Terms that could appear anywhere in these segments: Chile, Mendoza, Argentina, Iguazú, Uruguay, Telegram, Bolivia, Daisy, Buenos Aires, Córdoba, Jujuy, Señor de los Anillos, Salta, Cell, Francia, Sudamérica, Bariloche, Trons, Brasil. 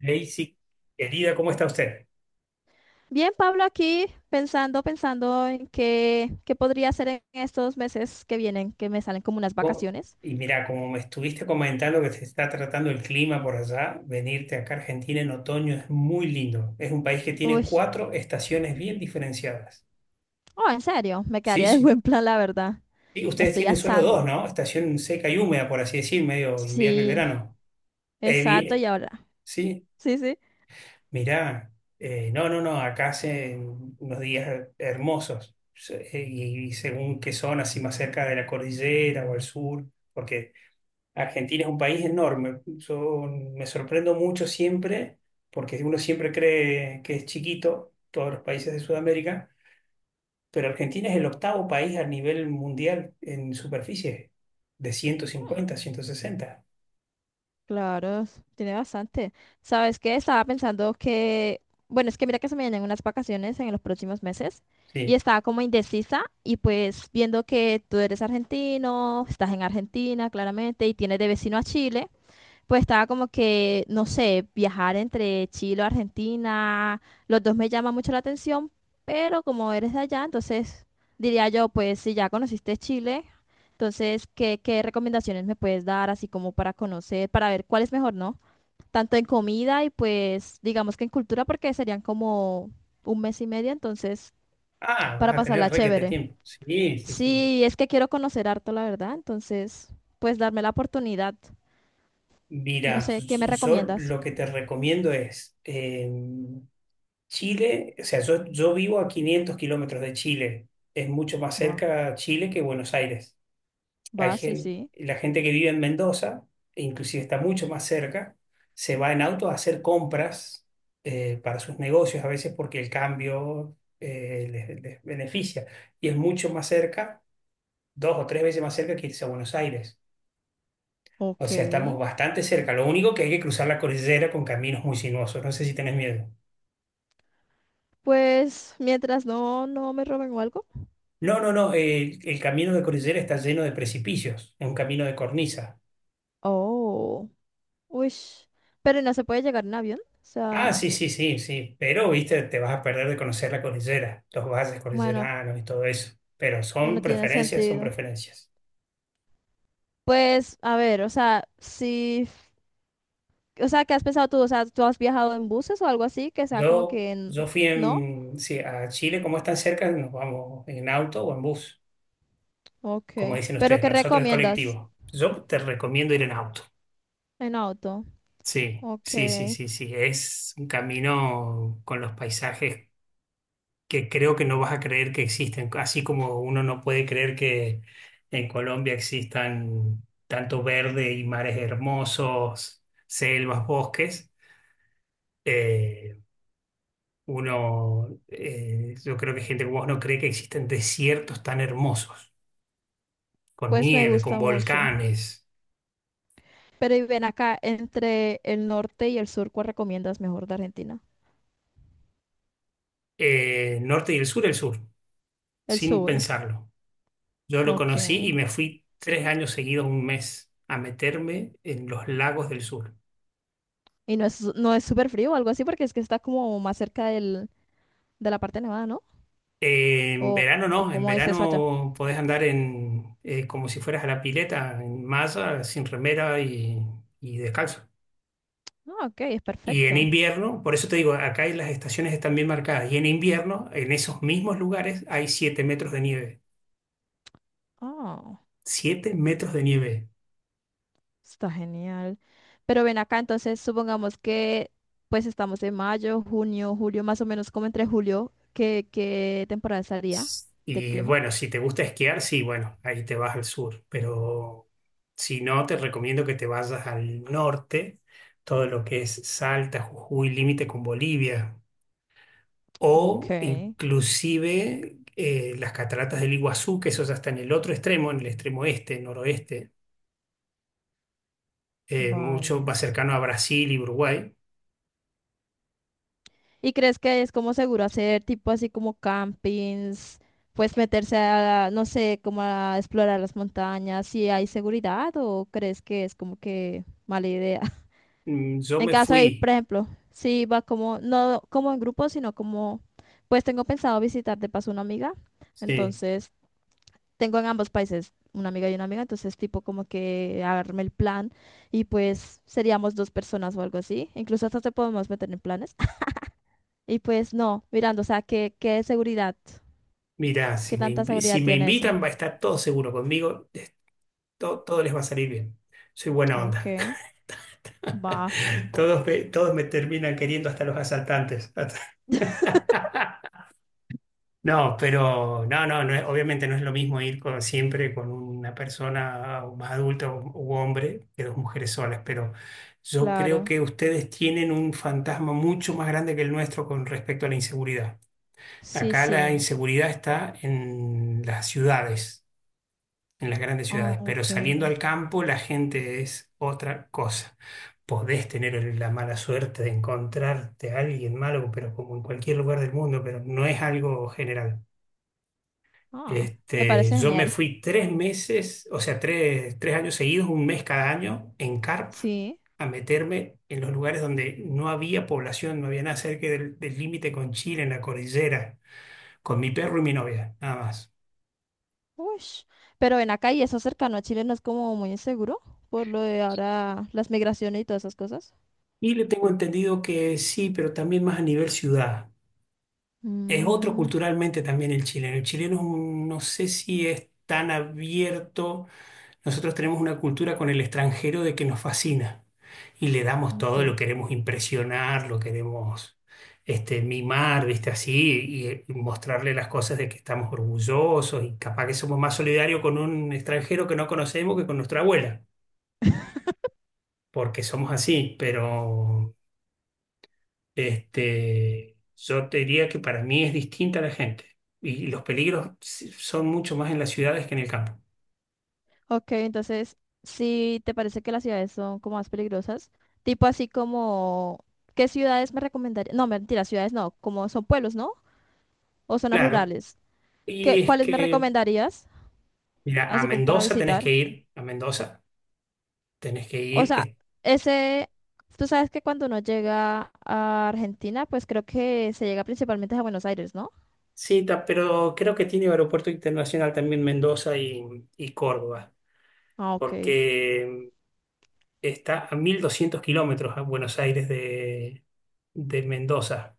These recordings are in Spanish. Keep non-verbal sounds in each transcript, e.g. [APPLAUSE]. Daisy, querida, ¿cómo está usted? Bien, Pablo, aquí pensando, en qué podría hacer en estos meses que vienen, que me salen como unas ¿Cómo- vacaciones. Y mira, como me estuviste comentando que se está tratando el clima por allá, venirte acá a Argentina en otoño es muy lindo. Es un país que tiene Uy, cuatro estaciones bien diferenciadas. oh, en serio, me Sí, quedaría de sí. buen plan, la verdad. Y Me ustedes estoy tienen solo dos, asando. ¿no? Estación seca y húmeda, por así decir, medio invierno y Sí, verano. Eh, exacto, vi- y ahora. sí, Sí, sí. mira, no, no, no, acá hace unos días hermosos. Y según qué zona, si más cerca de la cordillera o al sur, porque Argentina es un país enorme. Yo me sorprendo mucho siempre, porque uno siempre cree que es chiquito, todos los países de Sudamérica, pero Argentina es el octavo país a nivel mundial en superficie, de ciento Mm, cincuenta, 160. claro, tiene bastante. ¿Sabes qué? Estaba pensando que, bueno, es que mira que se me vienen unas vacaciones en los próximos meses y Sí. estaba como indecisa y pues viendo que tú eres argentino, estás en Argentina, claramente, y tienes de vecino a Chile. Pues estaba como que, no sé, viajar entre Chile o Argentina, los dos me llaman mucho la atención, pero como eres de allá, entonces diría yo, pues si ya conociste Chile, entonces, ¿qué recomendaciones me puedes dar así como para conocer, para ver cuál es mejor, no? Tanto en comida y pues digamos que en cultura, porque serían como un mes y medio, entonces, Ah, vas para a pasarla tener requete chévere. tiempo. Sí, sí, sí. Sí, es que quiero conocer harto, la verdad, entonces, pues darme la oportunidad. No Mira, sé, ¿qué me yo recomiendas? lo que te recomiendo es Chile, o sea, yo vivo a 500 kilómetros de Chile. Es mucho más cerca Chile que Buenos Aires. Va, Hay sí, sí. la gente que vive en Mendoza, e inclusive está mucho más cerca, se va en auto a hacer compras para sus negocios, a veces porque el cambio les beneficia. Y es mucho más cerca, dos o tres veces más cerca que irse a Buenos Aires. O Ok. sea, estamos bastante cerca. Lo único que hay que cruzar la cordillera con caminos muy sinuosos. No sé si tenés miedo. Pues mientras no me roben o algo. No, no, no. El camino de cordillera está lleno de precipicios. Es un camino de cornisa. Oh. Uy. Pero no se puede llegar en avión. O Ah, sea, sí, sí, sí, sí, pero viste, te vas a perder de conocer la cordillera, los valles bueno, cordilleranos y todo eso. Pero son bueno tiene preferencias, son sentido. preferencias. Pues, a ver, o sea, si. O sea, ¿qué has pensado tú? O sea, ¿tú has viajado en buses o algo así? Que sea como Yo, que en... yo fui ¿No? en, sí, a Chile, como es tan cerca, nos vamos en auto o en bus, Ok. como dicen ¿Pero ustedes, qué nosotros es recomiendas? colectivo. Yo te recomiendo ir en auto. En auto. Sí, sí, sí, Ok. sí, sí, es un camino con los paisajes que creo que no vas a creer que existen, así como uno no puede creer que en Colombia existan tanto verde y mares hermosos, selvas, bosques. eh, Uno, yo creo que gente como vos no cree que existen desiertos tan hermosos, con Pues me nieve, con gusta mucho. volcanes, Pero y ven acá, entre el norte y el sur, ¿cuál recomiendas mejor de Argentina? Norte y el sur, El sin sur. pensarlo. Yo lo Ok. conocí y me fui 3 años seguidos, un mes, a meterme en los lagos del sur. Y no es súper frío o algo así porque es que está como más cerca de la parte nevada, ¿no? En ¿O, verano o no, en cómo es eso allá? verano podés andar en, como si fueras a la pileta, en malla, sin remera y descalzo. Ah, ok, es Y en perfecto. invierno, por eso te digo, acá las estaciones están bien marcadas. Y en invierno, en esos mismos lugares, hay 7 metros de nieve. Ah, 7 metros de nieve. está genial. Pero ven acá, entonces supongamos que pues estamos en mayo, junio, julio, más o menos como entre julio, ¿qué temporada estaría de Y clima? bueno, si te gusta esquiar, sí, bueno, ahí te vas al sur. Pero si no, te recomiendo que te vayas al norte, todo lo que es Salta, Jujuy, límite con Bolivia. Ok, O inclusive las cataratas del Iguazú, que eso ya está en el otro extremo, en el extremo este, noroeste, mucho vale. más cercano a Brasil y Uruguay. ¿Y crees que es como seguro hacer tipo así como campings, pues meterse a, no sé, como a explorar las montañas, si hay seguridad o crees que es como que mala idea? [LAUGHS] Yo En me caso de ir, por fui, ejemplo, si va como, no como en grupo, sino como, pues tengo pensado visitar de paso una amiga, sí. entonces tengo en ambos países una amiga y una amiga, entonces tipo como que arme el plan y pues seríamos dos personas o algo así, incluso hasta te podemos meter en planes. Y pues no, mirando, o sea, ¿qué seguridad? Mirá, si ¿Qué me, tanta invi- si seguridad me tiene eso? invitan va a estar todo seguro conmigo, todo, les va a salir bien. Soy buena onda. Ok, va, [LAUGHS] Todos me terminan queriendo hasta los asaltantes. [LAUGHS] No, pero no, no, no obviamente no es lo mismo ir con, siempre con una persona o más adulta u hombre que dos mujeres solas, pero yo creo claro. que ustedes tienen un fantasma mucho más grande que el nuestro con respecto a la inseguridad. Sí, Acá la sí. inseguridad está en las ciudades, en las grandes Ah, ciudades, pero ok. saliendo al campo la gente es otra cosa. Podés tener la mala suerte de encontrarte a alguien malo, pero como en cualquier lugar del mundo, pero no es algo general. Ah, me Este, parece yo me genial. fui 3 meses, o sea, tres años seguidos, un mes cada año, en carpa, Sí. a meterme en los lugares donde no había población, no había nada cerca del límite con Chile, en la cordillera, con mi perro y mi novia, nada más. Ush. Pero en acá y eso cercano a Chile no es como muy inseguro por lo de ahora las migraciones y todas esas cosas. Y le tengo entendido que sí, pero también más a nivel ciudad. Es otro Mm, culturalmente también el chileno. El chileno es no sé si es tan abierto. Nosotros tenemos una cultura con el extranjero de que nos fascina y le damos todo, lo ok. queremos impresionar, lo queremos este, mimar, ¿viste? Así, y, mostrarle las cosas de que estamos orgullosos y capaz que somos más solidarios con un extranjero que no conocemos que con nuestra abuela, porque somos así, pero este, yo te diría que para mí es distinta la gente y los peligros son mucho más en las ciudades que en el campo. Ok, entonces, si te parece que las ciudades son como más peligrosas, tipo así como, ¿qué ciudades me recomendarías? No, mentira, ciudades no, como son pueblos, ¿no? O zonas Claro, rurales. y ¿Qué, es cuáles me que recomendarías? mira, a Así como para Mendoza tenés visitar. que ir. A Mendoza tenés que O ir, sea, que ese, tú sabes que cuando uno llega a Argentina, pues creo que se llega principalmente a Buenos Aires, ¿no? sí, pero creo que tiene aeropuerto internacional también Mendoza y Córdoba, Ah, ok. porque está a 1.200 kilómetros a Buenos Aires de, Mendoza,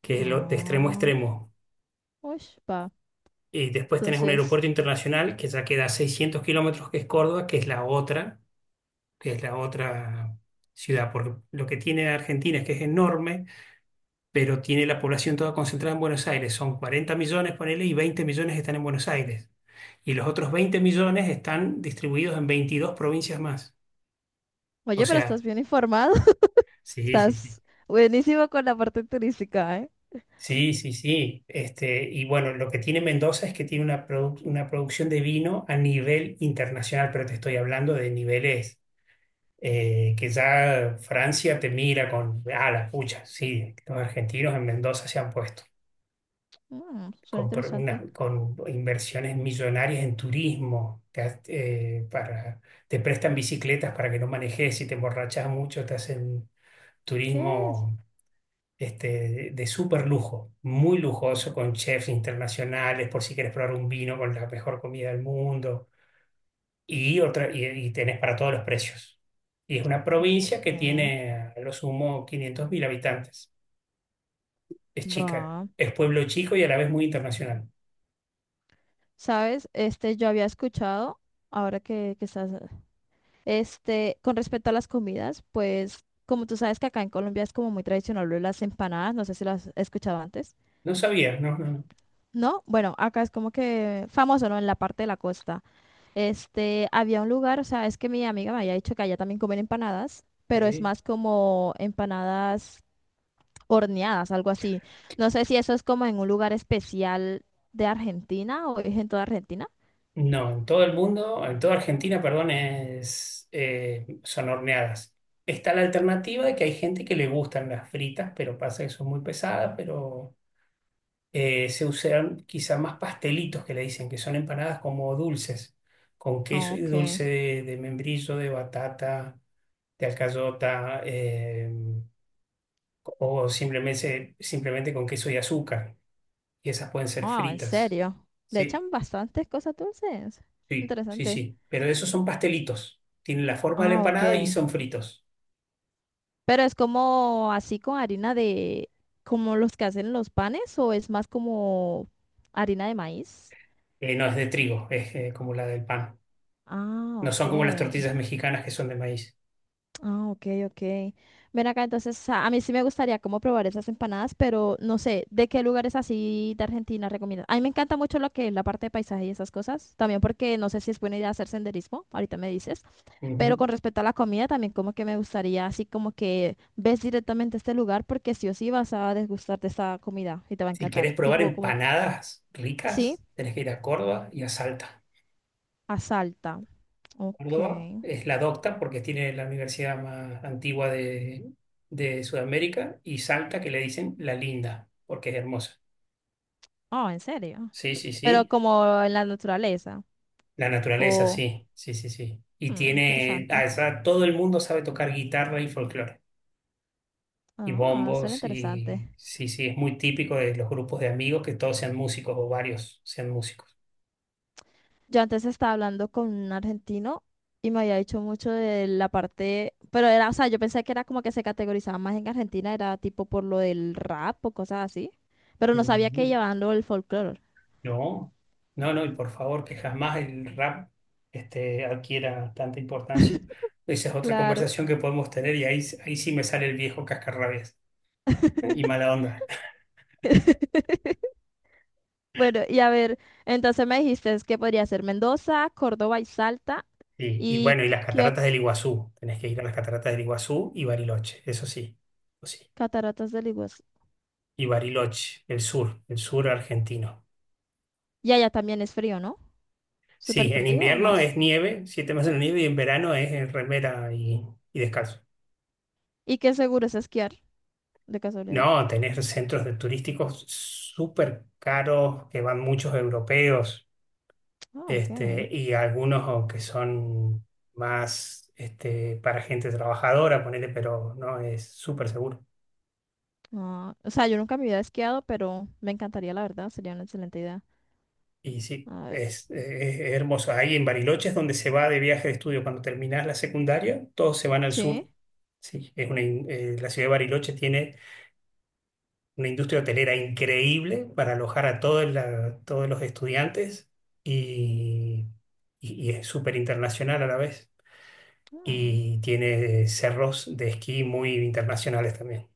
que es lo, de extremo a Ah, extremo. uy, va. Y después tenés un Entonces, aeropuerto internacional que ya queda a 600 kilómetros, que es Córdoba, que es la otra ciudad, porque lo que tiene Argentina es que es enorme pero tiene la población toda concentrada en Buenos Aires. Son 40 millones, ponele, y 20 millones están en Buenos Aires. Y los otros 20 millones están distribuidos en 22 provincias más. O oye, pero estás sea, bien informado. [LAUGHS] sí, sí, sí. Estás buenísimo con la parte turística, ¿eh? Sí, sí, sí. Este, y bueno, lo que tiene Mendoza es que tiene una producción de vino a nivel internacional, pero te estoy hablando de niveles que ya Francia te mira con, ah, la pucha, sí, los argentinos en Mendoza se han puesto. Mm, suena Con, interesante. Con inversiones millonarias en turismo, te prestan bicicletas para que no manejes, si te emborrachas mucho, te hacen ¿Qué es? turismo este, de súper lujo, muy lujoso, con chefs internacionales, por si quieres probar un vino con la mejor comida del mundo, y tenés para todos los precios. Y es una Ok, provincia que tiene a lo sumo 500.000 habitantes. Es chica, va. es pueblo chico y a la vez muy internacional. ¿Sabes? Este, yo había escuchado, ahora que estás. Este, con respecto a las comidas, pues como tú sabes que acá en Colombia es como muy tradicional lo de las empanadas, no sé si las has escuchado antes. No sabía, no, no, no. No, bueno, acá es como que famoso, ¿no? En la parte de la costa. Este, había un lugar, o sea, es que mi amiga me había dicho que allá también comen empanadas, pero es Sí. más como empanadas horneadas, algo así. No sé si eso es como en un lugar especial de Argentina o es en toda Argentina. No, en todo el mundo, en toda Argentina, perdón, son horneadas. Está la alternativa de que hay gente que le gustan las fritas, pero pasa que son muy pesadas, pero se usan quizá más pastelitos que le dicen, que son empanadas como dulces, con queso y Ok. dulce de, membrillo, de batata, de alcayota, o simplemente con queso y azúcar. Y esas pueden ser Ah, en fritas. serio. Le Sí. echan bastantes cosas dulces. Sí, sí, Interesante. sí. Pero esos son pastelitos. Tienen la forma de la Ah, ok. empanada y son fritos. Pero es como así con harina de, como los que hacen los panes, o es más como harina de maíz. No es de trigo, es como la del pan. Ah, No ok. son como las tortillas mexicanas que son de maíz. Ah, ok, ok. Ven acá, entonces a mí sí me gustaría como probar esas empanadas, pero no sé, ¿de qué lugares así de Argentina recomiendas? A mí me encanta mucho lo que es la parte de paisaje y esas cosas, también porque no sé si es buena idea hacer senderismo, ahorita me dices. Pero Ujú. con respecto a la comida, también como que me gustaría, así como que ves directamente este lugar porque sí o sí vas a degustarte esta comida y te va a Si encantar. querés probar Tipo como, que, empanadas sí, ricas, tenés que ir a Córdoba y a Salta. a Salta. Ok. Córdoba es la docta porque tiene la universidad más antigua de Sudamérica y Salta que le dicen la linda porque es hermosa. Oh, ¿en serio? Sí, sí, Pero sí. como en la naturaleza. La naturaleza, O, sí, sí, sí, sí. Y mm, tiene, ah, interesante. Todo el mundo sabe tocar guitarra y folclore, y Ah, suena bombos, y interesante. sí, sí, es muy típico de los grupos de amigos que todos sean músicos o varios sean músicos. Yo antes estaba hablando con un argentino y me había dicho mucho de la parte, pero era, o sea, yo pensé que era como que se categorizaba más en Argentina, era tipo por lo del rap o cosas así, pero no sabía que Mm, llevaban lo del folclore. No, no, no, y por favor, que jamás el rap este, adquiera tanta importancia. Esa es otra Claro. conversación que podemos tener y ahí sí me sale el viejo cascarrabias [LAUGHS] y mala onda. [LAUGHS] Bueno, y a ver, entonces me dijiste es que podría ser Mendoza, Córdoba y Salta Y y bueno, y las cataratas del Iguazú, tenés que ir a las cataratas del Iguazú y Bariloche, eso sí, eso sí. Cataratas del Iguazú. Y Bariloche, el sur argentino. Y allá también es frío, ¿no? Súper Sí, en frío o invierno más. es nieve, 7 meses de nieve, y en verano es en remera y descalzo. ¿Y qué seguro es esquiar? De casualidad. No, tenés centros de turísticos súper caros que van muchos europeos, Ah, ok. este, y algunos que son más este, para gente trabajadora, ponele, pero no es súper seguro. Ah, o sea, yo nunca me había esquiado, pero me encantaría, la verdad, sería una excelente idea. Y sí, A ver, es hermoso. Ahí en Bariloche es donde se va de viaje de estudio. Cuando terminás la secundaria, todos se van al sí. sur. Sí, es la ciudad de Bariloche tiene una industria hotelera increíble para alojar a todo todos los estudiantes y, y es súper internacional a la vez. Mm, Y tiene cerros de esquí muy internacionales también.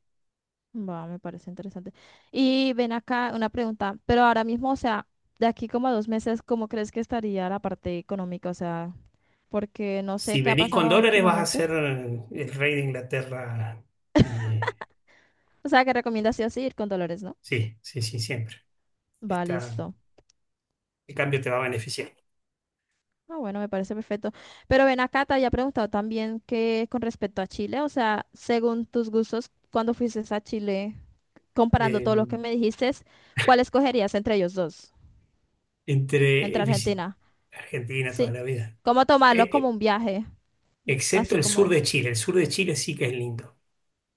va, me parece interesante. Y ven acá una pregunta, pero ahora mismo, o sea, de aquí como a 2 meses, ¿cómo crees que estaría la parte económica? O sea, porque no sé Si qué ha venís con pasado dólares, vas a últimamente. ser el rey de Inglaterra. Y, O sea, que recomiendas sí o sí ir con Dolores, ¿no? sí, sí, sí, siempre. Va, Está. listo. ¿Qué cambio te va a beneficiar? Ah, bueno, me parece perfecto. Pero ven acá, te había preguntado también que con respecto a Chile, o sea, según tus gustos, ¿cuándo fuiste a Chile? Comparando Eh, todos los que me dijiste, ¿cuál escogerías entre ellos dos? entre Entre visi- Argentina. Argentina toda Sí. la vida. ¿Cómo tomarlo Eh, como un eh, viaje? excepto Así el como... sur de- de Chile. El sur de Chile sí que es lindo.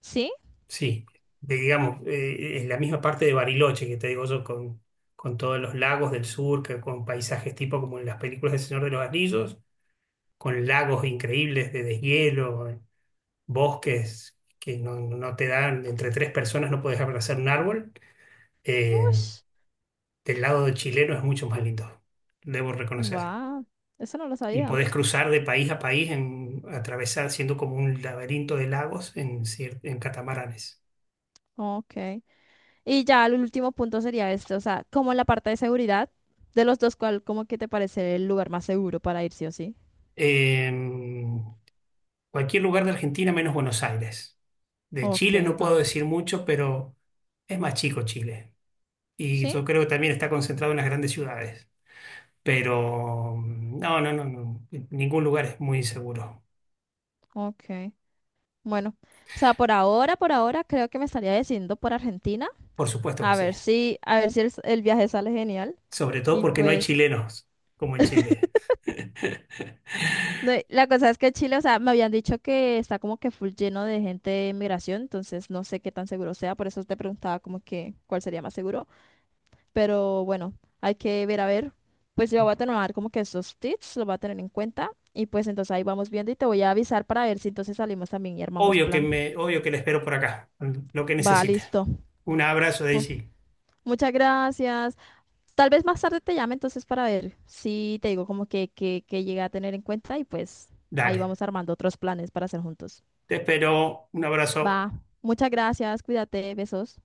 ¿Sí? Sí. Digamos, es la misma parte de Bariloche que te digo yo, con, todos los lagos del sur, que, con paisajes tipo como en las películas del Señor de los Anillos, con lagos increíbles de deshielo, bosques que no te dan, entre tres personas no puedes abrazar un árbol. Eh, Ush. del lado chileno es mucho más lindo, debo reconocer. Wow. Eso no lo Y sabía. podés cruzar de país a país, atravesar, haciendo como un laberinto de lagos en catamaranes. Ok. Y ya el último punto sería este. O sea, como en la parte de seguridad, de los dos, ¿cuál como que te parece el lugar más seguro para ir sí o sí? En cualquier lugar de Argentina menos Buenos Aires. De Chile Ok, no puedo va. decir mucho, pero es más chico Chile. Y ¿Sí? yo creo que también está concentrado en las grandes ciudades. Pero no, no, no, no. Ningún lugar es muy inseguro. Ok. Bueno. O sea, por ahora, creo que me estaría decidiendo por Argentina. Por supuesto que A sí. ver si, el viaje sale genial. Sobre todo Y porque no hay pues... chilenos como en Chile. [LAUGHS] No, y la cosa es que Chile, o sea, me habían dicho que está como que full lleno de gente de migración, entonces no sé qué tan seguro sea, por eso te preguntaba como que cuál sería más seguro, pero bueno, hay que ver a ver. Pues yo voy a tomar como que esos tips, los voy a tener en cuenta y pues entonces ahí vamos viendo y te voy a avisar para ver si entonces salimos también y armamos Obvio que plan. me, obvio que la espero por acá, lo que Va, necesite. listo. Un abrazo, Pu- Daisy. muchas gracias. Tal vez más tarde te llame entonces para ver si te digo como que, que llegué a tener en cuenta y pues ahí Dale. vamos armando otros planes para hacer juntos. Te espero. Un abrazo. Va. Muchas gracias. Cuídate. Besos.